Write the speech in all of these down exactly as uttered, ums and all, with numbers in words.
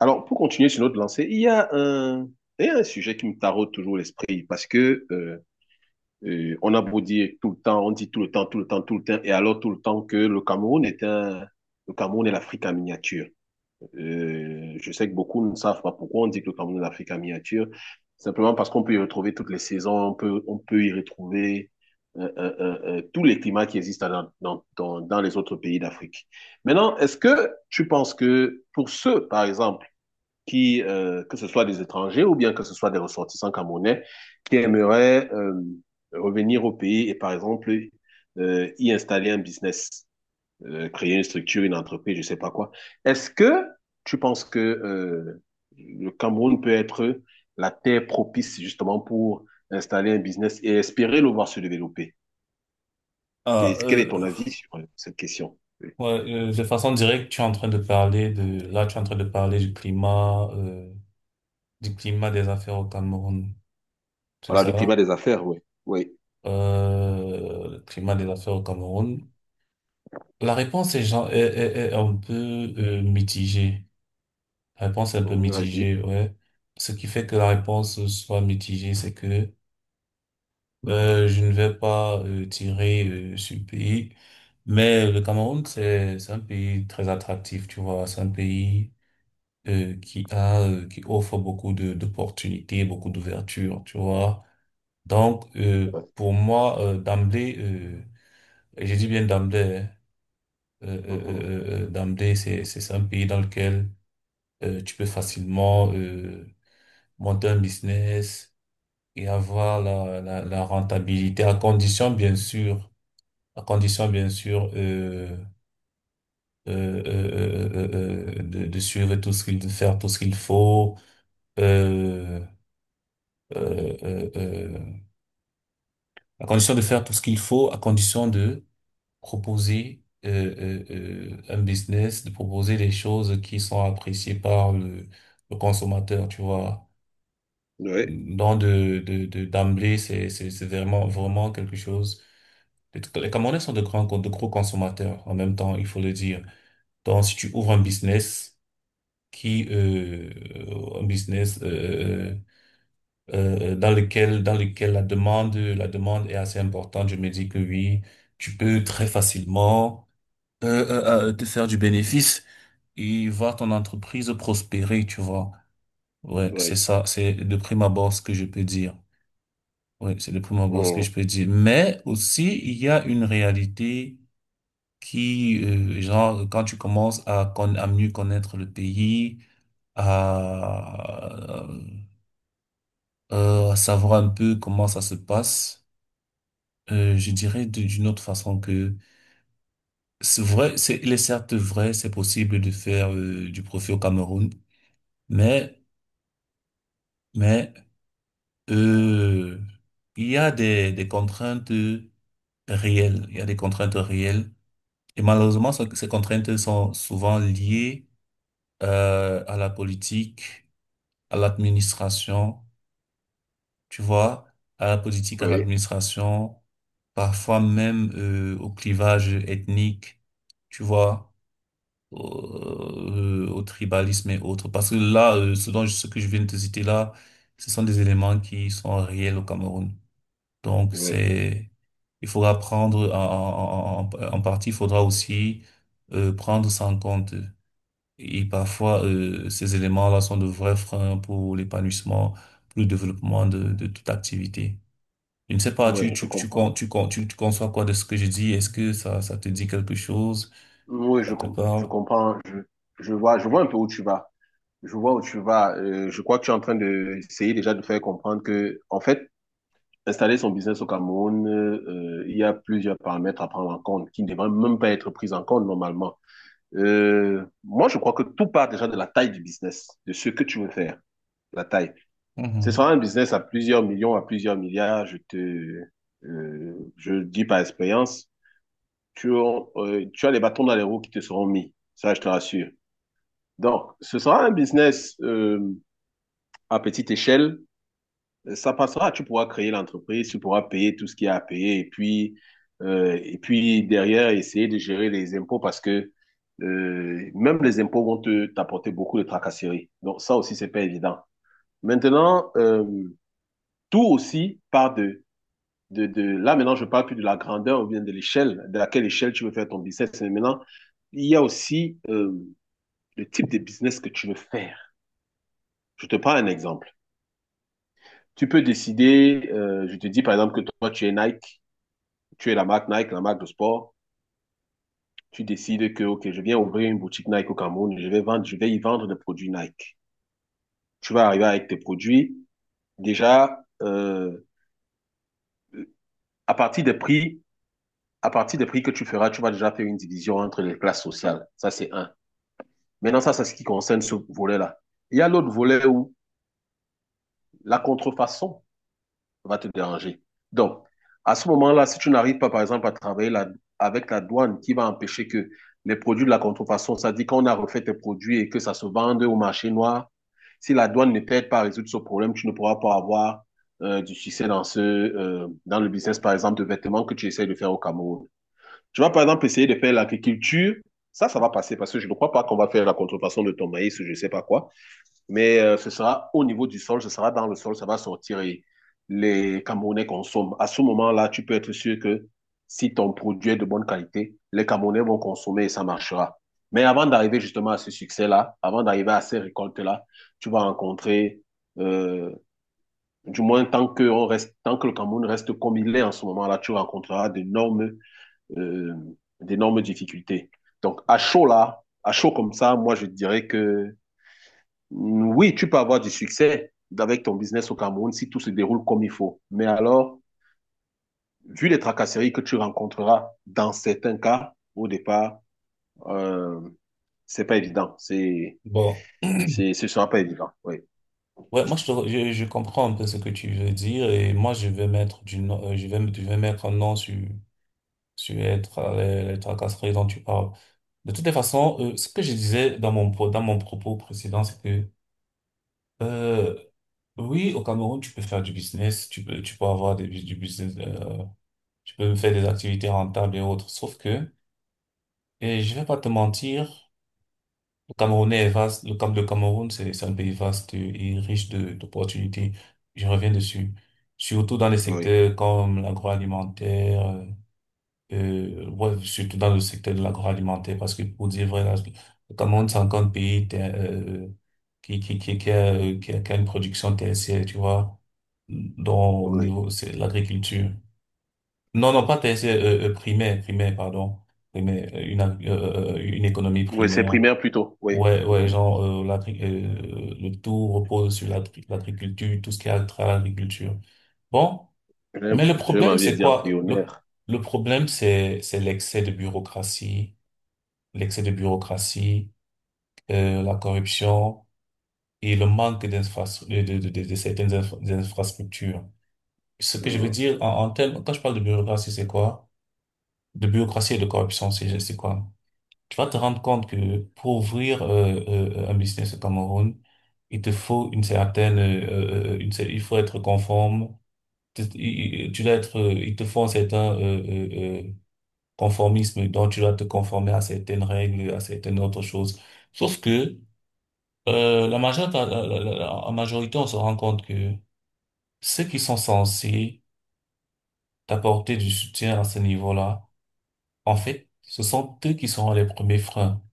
Alors, pour continuer sur notre lancée, il y a un, il y a un sujet qui me taraude toujours l'esprit parce que euh, euh, on a beau dire tout le temps, on dit tout le temps, tout le temps, tout le temps, et alors tout le temps que le Cameroun est un, le Cameroun est l'Afrique en miniature. Euh, je sais que beaucoup ne savent pas pourquoi on dit que le Cameroun est l'Afrique en miniature, simplement parce qu'on peut y retrouver toutes les saisons, on peut, on peut y retrouver euh, euh, euh, euh, tous les climats qui existent dans, dans, dans, dans les autres pays d'Afrique. Maintenant, est-ce que tu penses que pour ceux, par exemple, qui, euh, que ce soit des étrangers ou bien que ce soit des ressortissants camerounais, qui aimeraient euh, revenir au pays et, par exemple, euh, y installer un business, euh, créer une structure, une entreprise, je sais pas quoi. Est-ce que tu penses que euh, le Cameroun peut être la terre propice justement pour installer un business et espérer le voir se développer? Ah, Qu'est- Quel est euh, ton avis sur euh, cette question? Oui. ouais, euh, de façon directe, tu es en train de parler de, là, tu es en train de parler du climat, euh, du climat des affaires au Cameroun. C'est Voilà, le climat ça? des affaires, oui. Oui. Euh, le climat des affaires au Cameroun. La réponse est, genre, est, est, est un peu euh, mitigée. La réponse est un peu Mmh, vas-y. mitigée, ouais. Ce qui fait que la réponse soit mitigée, c'est que euh, je ne vais pas euh, tirer euh, sur le pays. Mais le Cameroun, c'est, c'est un pays très attractif, tu vois. C'est un pays euh, qui a euh, qui offre beaucoup de d'opportunités, beaucoup d'ouvertures, tu vois. Donc euh, Oui. pour moi euh, d'emblée, euh, et je dis bien d'emblée, hein, euh, euh, Mhm. euh, euh, euh, d'emblée c'est c'est c'est un pays dans lequel euh, tu peux facilement euh, monter un business et avoir la la, la rentabilité à condition bien sûr, à condition bien sûr euh, euh, euh, euh, euh, euh, de, de suivre tout ce qu'il de faire tout ce qu'il faut. Euh, euh, euh, euh, à condition de faire tout ce qu'il faut, à condition de proposer euh, euh, euh, un business, de proposer des choses qui sont appréciées par le, le consommateur, tu vois. oui. Donc de de de d'emblée, c'est c'est c'est vraiment vraiment quelque chose. Les les Camerounais sont de grands, de gros consommateurs en même temps, il faut le dire. Donc, si tu ouvres un business qui, euh, un business, euh, euh, euh, dans lequel, dans lequel la demande, la demande est assez importante. Je me dis que oui, tu peux très facilement euh, euh, euh, te faire du bénéfice et voir ton entreprise prospérer, tu vois. Ouais, c'est Oui. ça, c'est de prime abord ce que je peux dire. Ouais, c'est de prime abord ce que je Mhm. peux dire. Mais aussi, il y a une réalité qui, euh, genre, quand tu commences à, con- à mieux connaître le pays, à, euh, à savoir un peu comment ça se passe. Euh, je dirais de- d'une autre façon que c'est vrai, c'est, il est certes vrai, c'est possible de faire euh, du profit au Cameroun, mais, mais euh, il y a des, des contraintes réelles, il y a des contraintes réelles, et malheureusement, ce- ces contraintes sont souvent liées euh, à la politique, à l'administration, tu vois, à la politique, à Oui, l'administration, parfois même euh, au clivage ethnique, tu vois. au, euh, au tribalisme et autres. Parce que là, euh, ce dont, ce que je viens de te citer là, ce sont des éléments qui sont réels au Cameroun. Donc, oui, c'est, il faudra prendre en, en, en- en partie, il faudra aussi euh, prendre ça en compte. Et parfois, euh, ces éléments-là sont de vrais freins pour l'épanouissement, pour le développement de, de toute activité. Je ne sais pas, tu, oui, je tu, tu, con- comprends. tu, con- tu, tu conçois quoi de ce que je dis? Est-ce que ça, ça te dit quelque chose? Oui, je, Ça te com- je parle? comprends. Je, je vois, je vois un peu où tu vas. Je vois où tu vas. Euh, je crois que tu es en train de essayer déjà de faire comprendre que, en fait, installer son business au Cameroun, euh, il y a plusieurs paramètres à prendre en compte qui ne devraient même pas être pris en compte normalement. Euh, moi, je crois que tout part déjà de la taille du business, de ce que tu veux faire, la taille. Ce Mhm. sera un business à plusieurs millions, à plusieurs milliards. Je te, euh, je dis par expérience. Tu, as- euh, tu as les bâtons dans les roues qui te seront mis. Ça, je te rassure. Donc, ce sera un business euh, à petite échelle. Ça passera, tu pourras créer l'entreprise, tu pourras payer tout ce qu'il y a à payer et puis, euh, et puis derrière, essayer de gérer les impôts parce que euh, même les impôts vont te t'apporter beaucoup de tracasseries. Donc, ça aussi, c'est pas évident. Maintenant, euh, tout aussi part de de, de, là, maintenant, je ne parle plus de la grandeur ou bien de l'échelle, de laquelle échelle tu veux faire ton business. Mais maintenant, il y a aussi euh, le type de business que tu veux faire. Je te prends un exemple. Tu peux décider, euh, je te dis par exemple que toi, tu es Nike, tu es la marque Nike, la marque de sport. Tu décides que, OK, je viens ouvrir une boutique Nike au Cameroun, je vais, vendre, je vais y vendre des produits Nike. Tu vas arriver avec tes produits. Déjà, euh, à partir des prix, à partir des prix que tu feras, tu vas déjà faire une division entre les classes sociales. Ça, c'est un. Maintenant, ça, c'est ce qui concerne ce volet-là. Il y a l'autre volet où la contrefaçon va te déranger. Donc, à ce moment-là, si tu n'arrives pas, par exemple, à travailler la, avec la douane qui va empêcher que les produits de la contrefaçon, ça dit qu'on a refait tes produits et que ça se vende au marché noir, si la douane ne t'aide pas à résoudre ce problème, tu ne pourras pas avoir euh, du succès dans, ce, euh, dans le business, par exemple, de vêtements que tu essayes de faire au Cameroun. Tu vas, par exemple, essayer de faire l'agriculture. Ça, ça va passer parce que je ne crois pas qu'on va faire la contrefaçon de ton maïs ou je ne sais pas quoi. Mais euh, ce sera au niveau du sol, ce sera dans le sol, ça va sortir et les Camerounais consomment. À ce moment-là, tu peux être sûr que si ton produit est de bonne qualité, les Camerounais vont consommer et ça marchera. Mais avant d'arriver justement à ce succès-là, avant d'arriver à ces récoltes-là, tu vas rencontrer, euh, du moins tant que, on reste, tant que le Cameroun reste comme il est en ce moment-là, tu rencontreras d'énormes euh, d'énormes difficultés. Donc à chaud là, à chaud comme ça, moi je dirais que oui, tu peux avoir du succès avec ton business au Cameroun si tout se déroule comme il faut. Mais alors, vu les tracasseries que tu rencontreras dans certains cas, au départ, euh, c'est pas évident. C'est, Bon. c'est, ce sera pas évident. Oui, Ouais, moi je, te re- je, je comprends un peu ce que tu veux dire et moi je vais mettre du nom- euh, je vais, je vais mettre un nom sur sur être les, les tracasseries dont tu parles. De toutes les façons, euh, ce que je disais dans mon pro- dans mon propos précédent, c'est que euh, oui, au Cameroun tu peux faire du business, tu peux tu peux avoir des, du business, euh, tu peux faire des activités rentables et autres. Sauf que et je vais pas te mentir. Le Cameroun est vaste. Le Cam- le Cameroun, c'est c'est un pays vaste et riche de- d'opportunités. Je reviens dessus. Surtout dans les oui, secteurs comme l'agroalimentaire, euh, euh, ouais, surtout dans le secteur de l'agroalimentaire, parce que pour dire vrai, là, le Cameroun, c'est encore un pays ter- euh, qui, qui, qui, qui a, euh, qui a, qui a une production tertiaire, tu vois, dont au oui. niveau, c'est l'agriculture. Non, non, pas tertiaire, euh, euh, primaire, primaire, pardon. Primaire, euh, une, ag- euh, euh, une économie Oui, c'est primaire. primaire plutôt. Oui. Ouais, ouais, Mhm. genre, euh, l'agri- euh, le tout repose sur l'agri- l'agriculture, tout ce qui est trait à l'agriculture. Bon, J'ai mais le j'ai même problème, envie c'est de dire quoi? Le, embryonnaire. Le problème, c'est, c'est l'excès de bureaucratie, l'excès de bureaucratie, euh, la corruption et le manque d'infrastructures, de, de, de, de de certaines infra- des infrastructures. Ce que je veux Mhm. dire en, en termes, quand je parle de bureaucratie, c'est quoi? De bureaucratie et de corruption, c'est, c'est quoi? Tu vas te rendre compte que pour ouvrir euh, euh, un business au Cameroun, il te faut une certaine, euh, euh, une, cer- il faut être conforme. Tu, il- tu dois être, euh, il te faut un certain euh, euh, euh, conformisme, donc tu dois te conformer à certaines règles, à certaines autres choses. Sauf que euh, la majeure, la, la- la- la- en majorité, on se rend compte que ceux qui sont censés t'apporter du soutien à ce niveau-là, en fait, ce sont eux qui seront les premiers freins.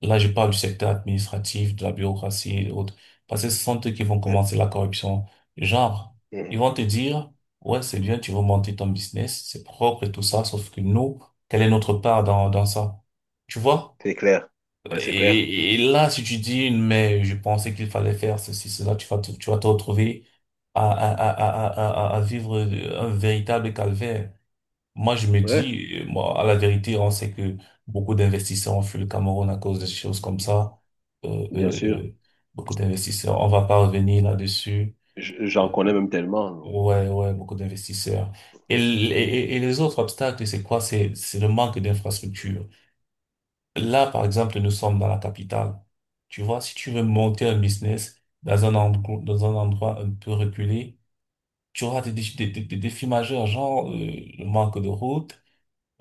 Là, je parle du secteur administratif, de la bureaucratie et autres. Parce que ce sont eux qui vont Ouais. commencer la corruption. Genre, ils Mhm. vont te dire, ouais, c'est bien, tu veux monter ton business, c'est propre et tout ça, sauf que nous, quelle est notre part dans, dans ça? Tu vois? C'est clair. Ouais, c'est clair. Et, et là, si tu dis, mais je pensais qu'il fallait faire ceci, cela, tu vas te, tu vas te retrouver à, à, à, à, à, à à vivre un véritable calvaire. Moi, je me Ouais, dis, euh, moi, à la vérité, on sait que beaucoup d'investisseurs ont fui le Cameroun à cause de choses comme ça. Euh, bien euh, sûr. euh, Beaucoup d'investisseurs, on va pas revenir là-dessus. J- J'en Euh, connais même tellement. ouais, ouais, beaucoup d'investisseurs. Et, l- et, et les autres obstacles, c'est quoi? C'est, c'est le manque d'infrastructures. Là, par exemple, nous sommes dans la capitale. Tu vois, si tu veux monter un business dans un endroit, dans un endroit un peu reculé, tu auras des, défis- des, des, des défis majeurs, genre euh, le manque de routes.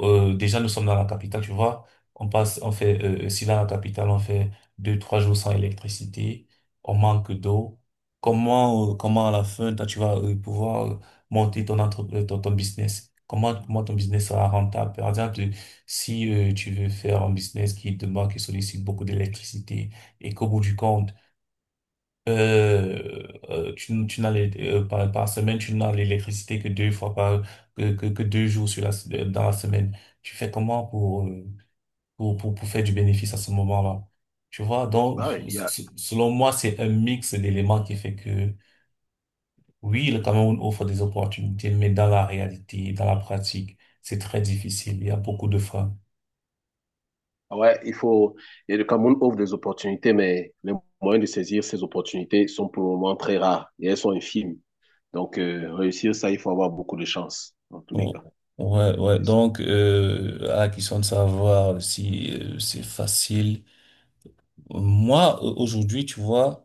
euh, Déjà, nous sommes dans la capitale, tu vois. On passe, on fait, euh, euh, si dans la capitale, on fait deux, trois jours sans électricité, on manque d'eau. Comment, euh, comment à la fin, toi, tu vas euh, pouvoir euh, monter ton, entre, euh, ton, ton business? Comment, comment ton business sera rentable? Par exemple, euh, si euh, tu veux faire un business qui demande, qui sollicite beaucoup d'électricité et qu'au bout du compte, euh, euh, tu, tu n'as l'é- euh, par, par semaine, tu n'as l'électricité que deux fois par que, que, que deux jours sur la, s- euh, dans la semaine. Tu fais comment pour, euh, pour, pour, pour faire du bénéfice à ce moment-là? Tu vois, donc, Bah ouais, il y a- s- selon moi, c'est un mix d'éléments qui fait que, oui, le Cameroun offre des opportunités, mais dans la réalité, dans la pratique, c'est très difficile. Il y a beaucoup de freins. ouais, il faut. Et le Cameroun ouvre des opportunités, mais les moyens de saisir ces opportunités sont pour le moment très rares et elles sont infimes. Donc, euh, réussir ça, il faut avoir beaucoup de chance, dans tous les Oh, cas. ouais, ouais. C'est ça. Donc, euh, à la question de savoir si euh, c'est facile. Moi, euh, aujourd'hui, tu vois,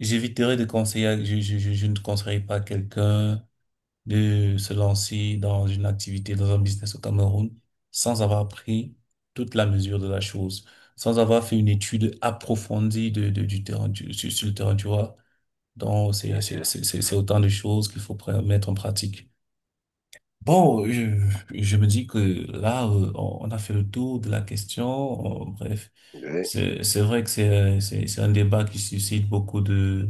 j'éviterai de conseiller, je, je, je, je ne conseillerais pas à quelqu'un de se lancer dans une activité, dans un business au Cameroun, sans avoir pris toute la mesure de la chose, sans avoir fait une étude approfondie de, de, du terrain, du- sur, sur le terrain, tu vois. Donc, c'est, Bien c'est, sûr. c'est, c'est c'est autant de choses qu'il faut pr- mettre en pratique. Bon, je, je me dis que là, euh, on on a fait le tour de la question. On- bref, Ouais. c'est c'est vrai que c'est euh, c'est c'est un débat qui suscite beaucoup de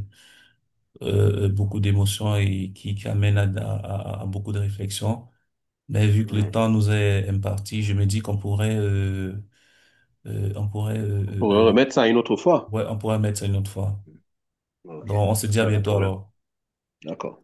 euh, euh, beaucoup d'émotions et qui, qui amène à, à, à à beaucoup de réflexions. Mais vu que le Mm. temps nous est imparti, je me dis qu'on pourrait euh, euh, on pourrait euh, On euh, pourrait euh, remettre ça une autre fois. ouais on pourrait mettre ça une autre fois. Ok, Donc, on se dit à pas de bientôt problème. alors. D'accord.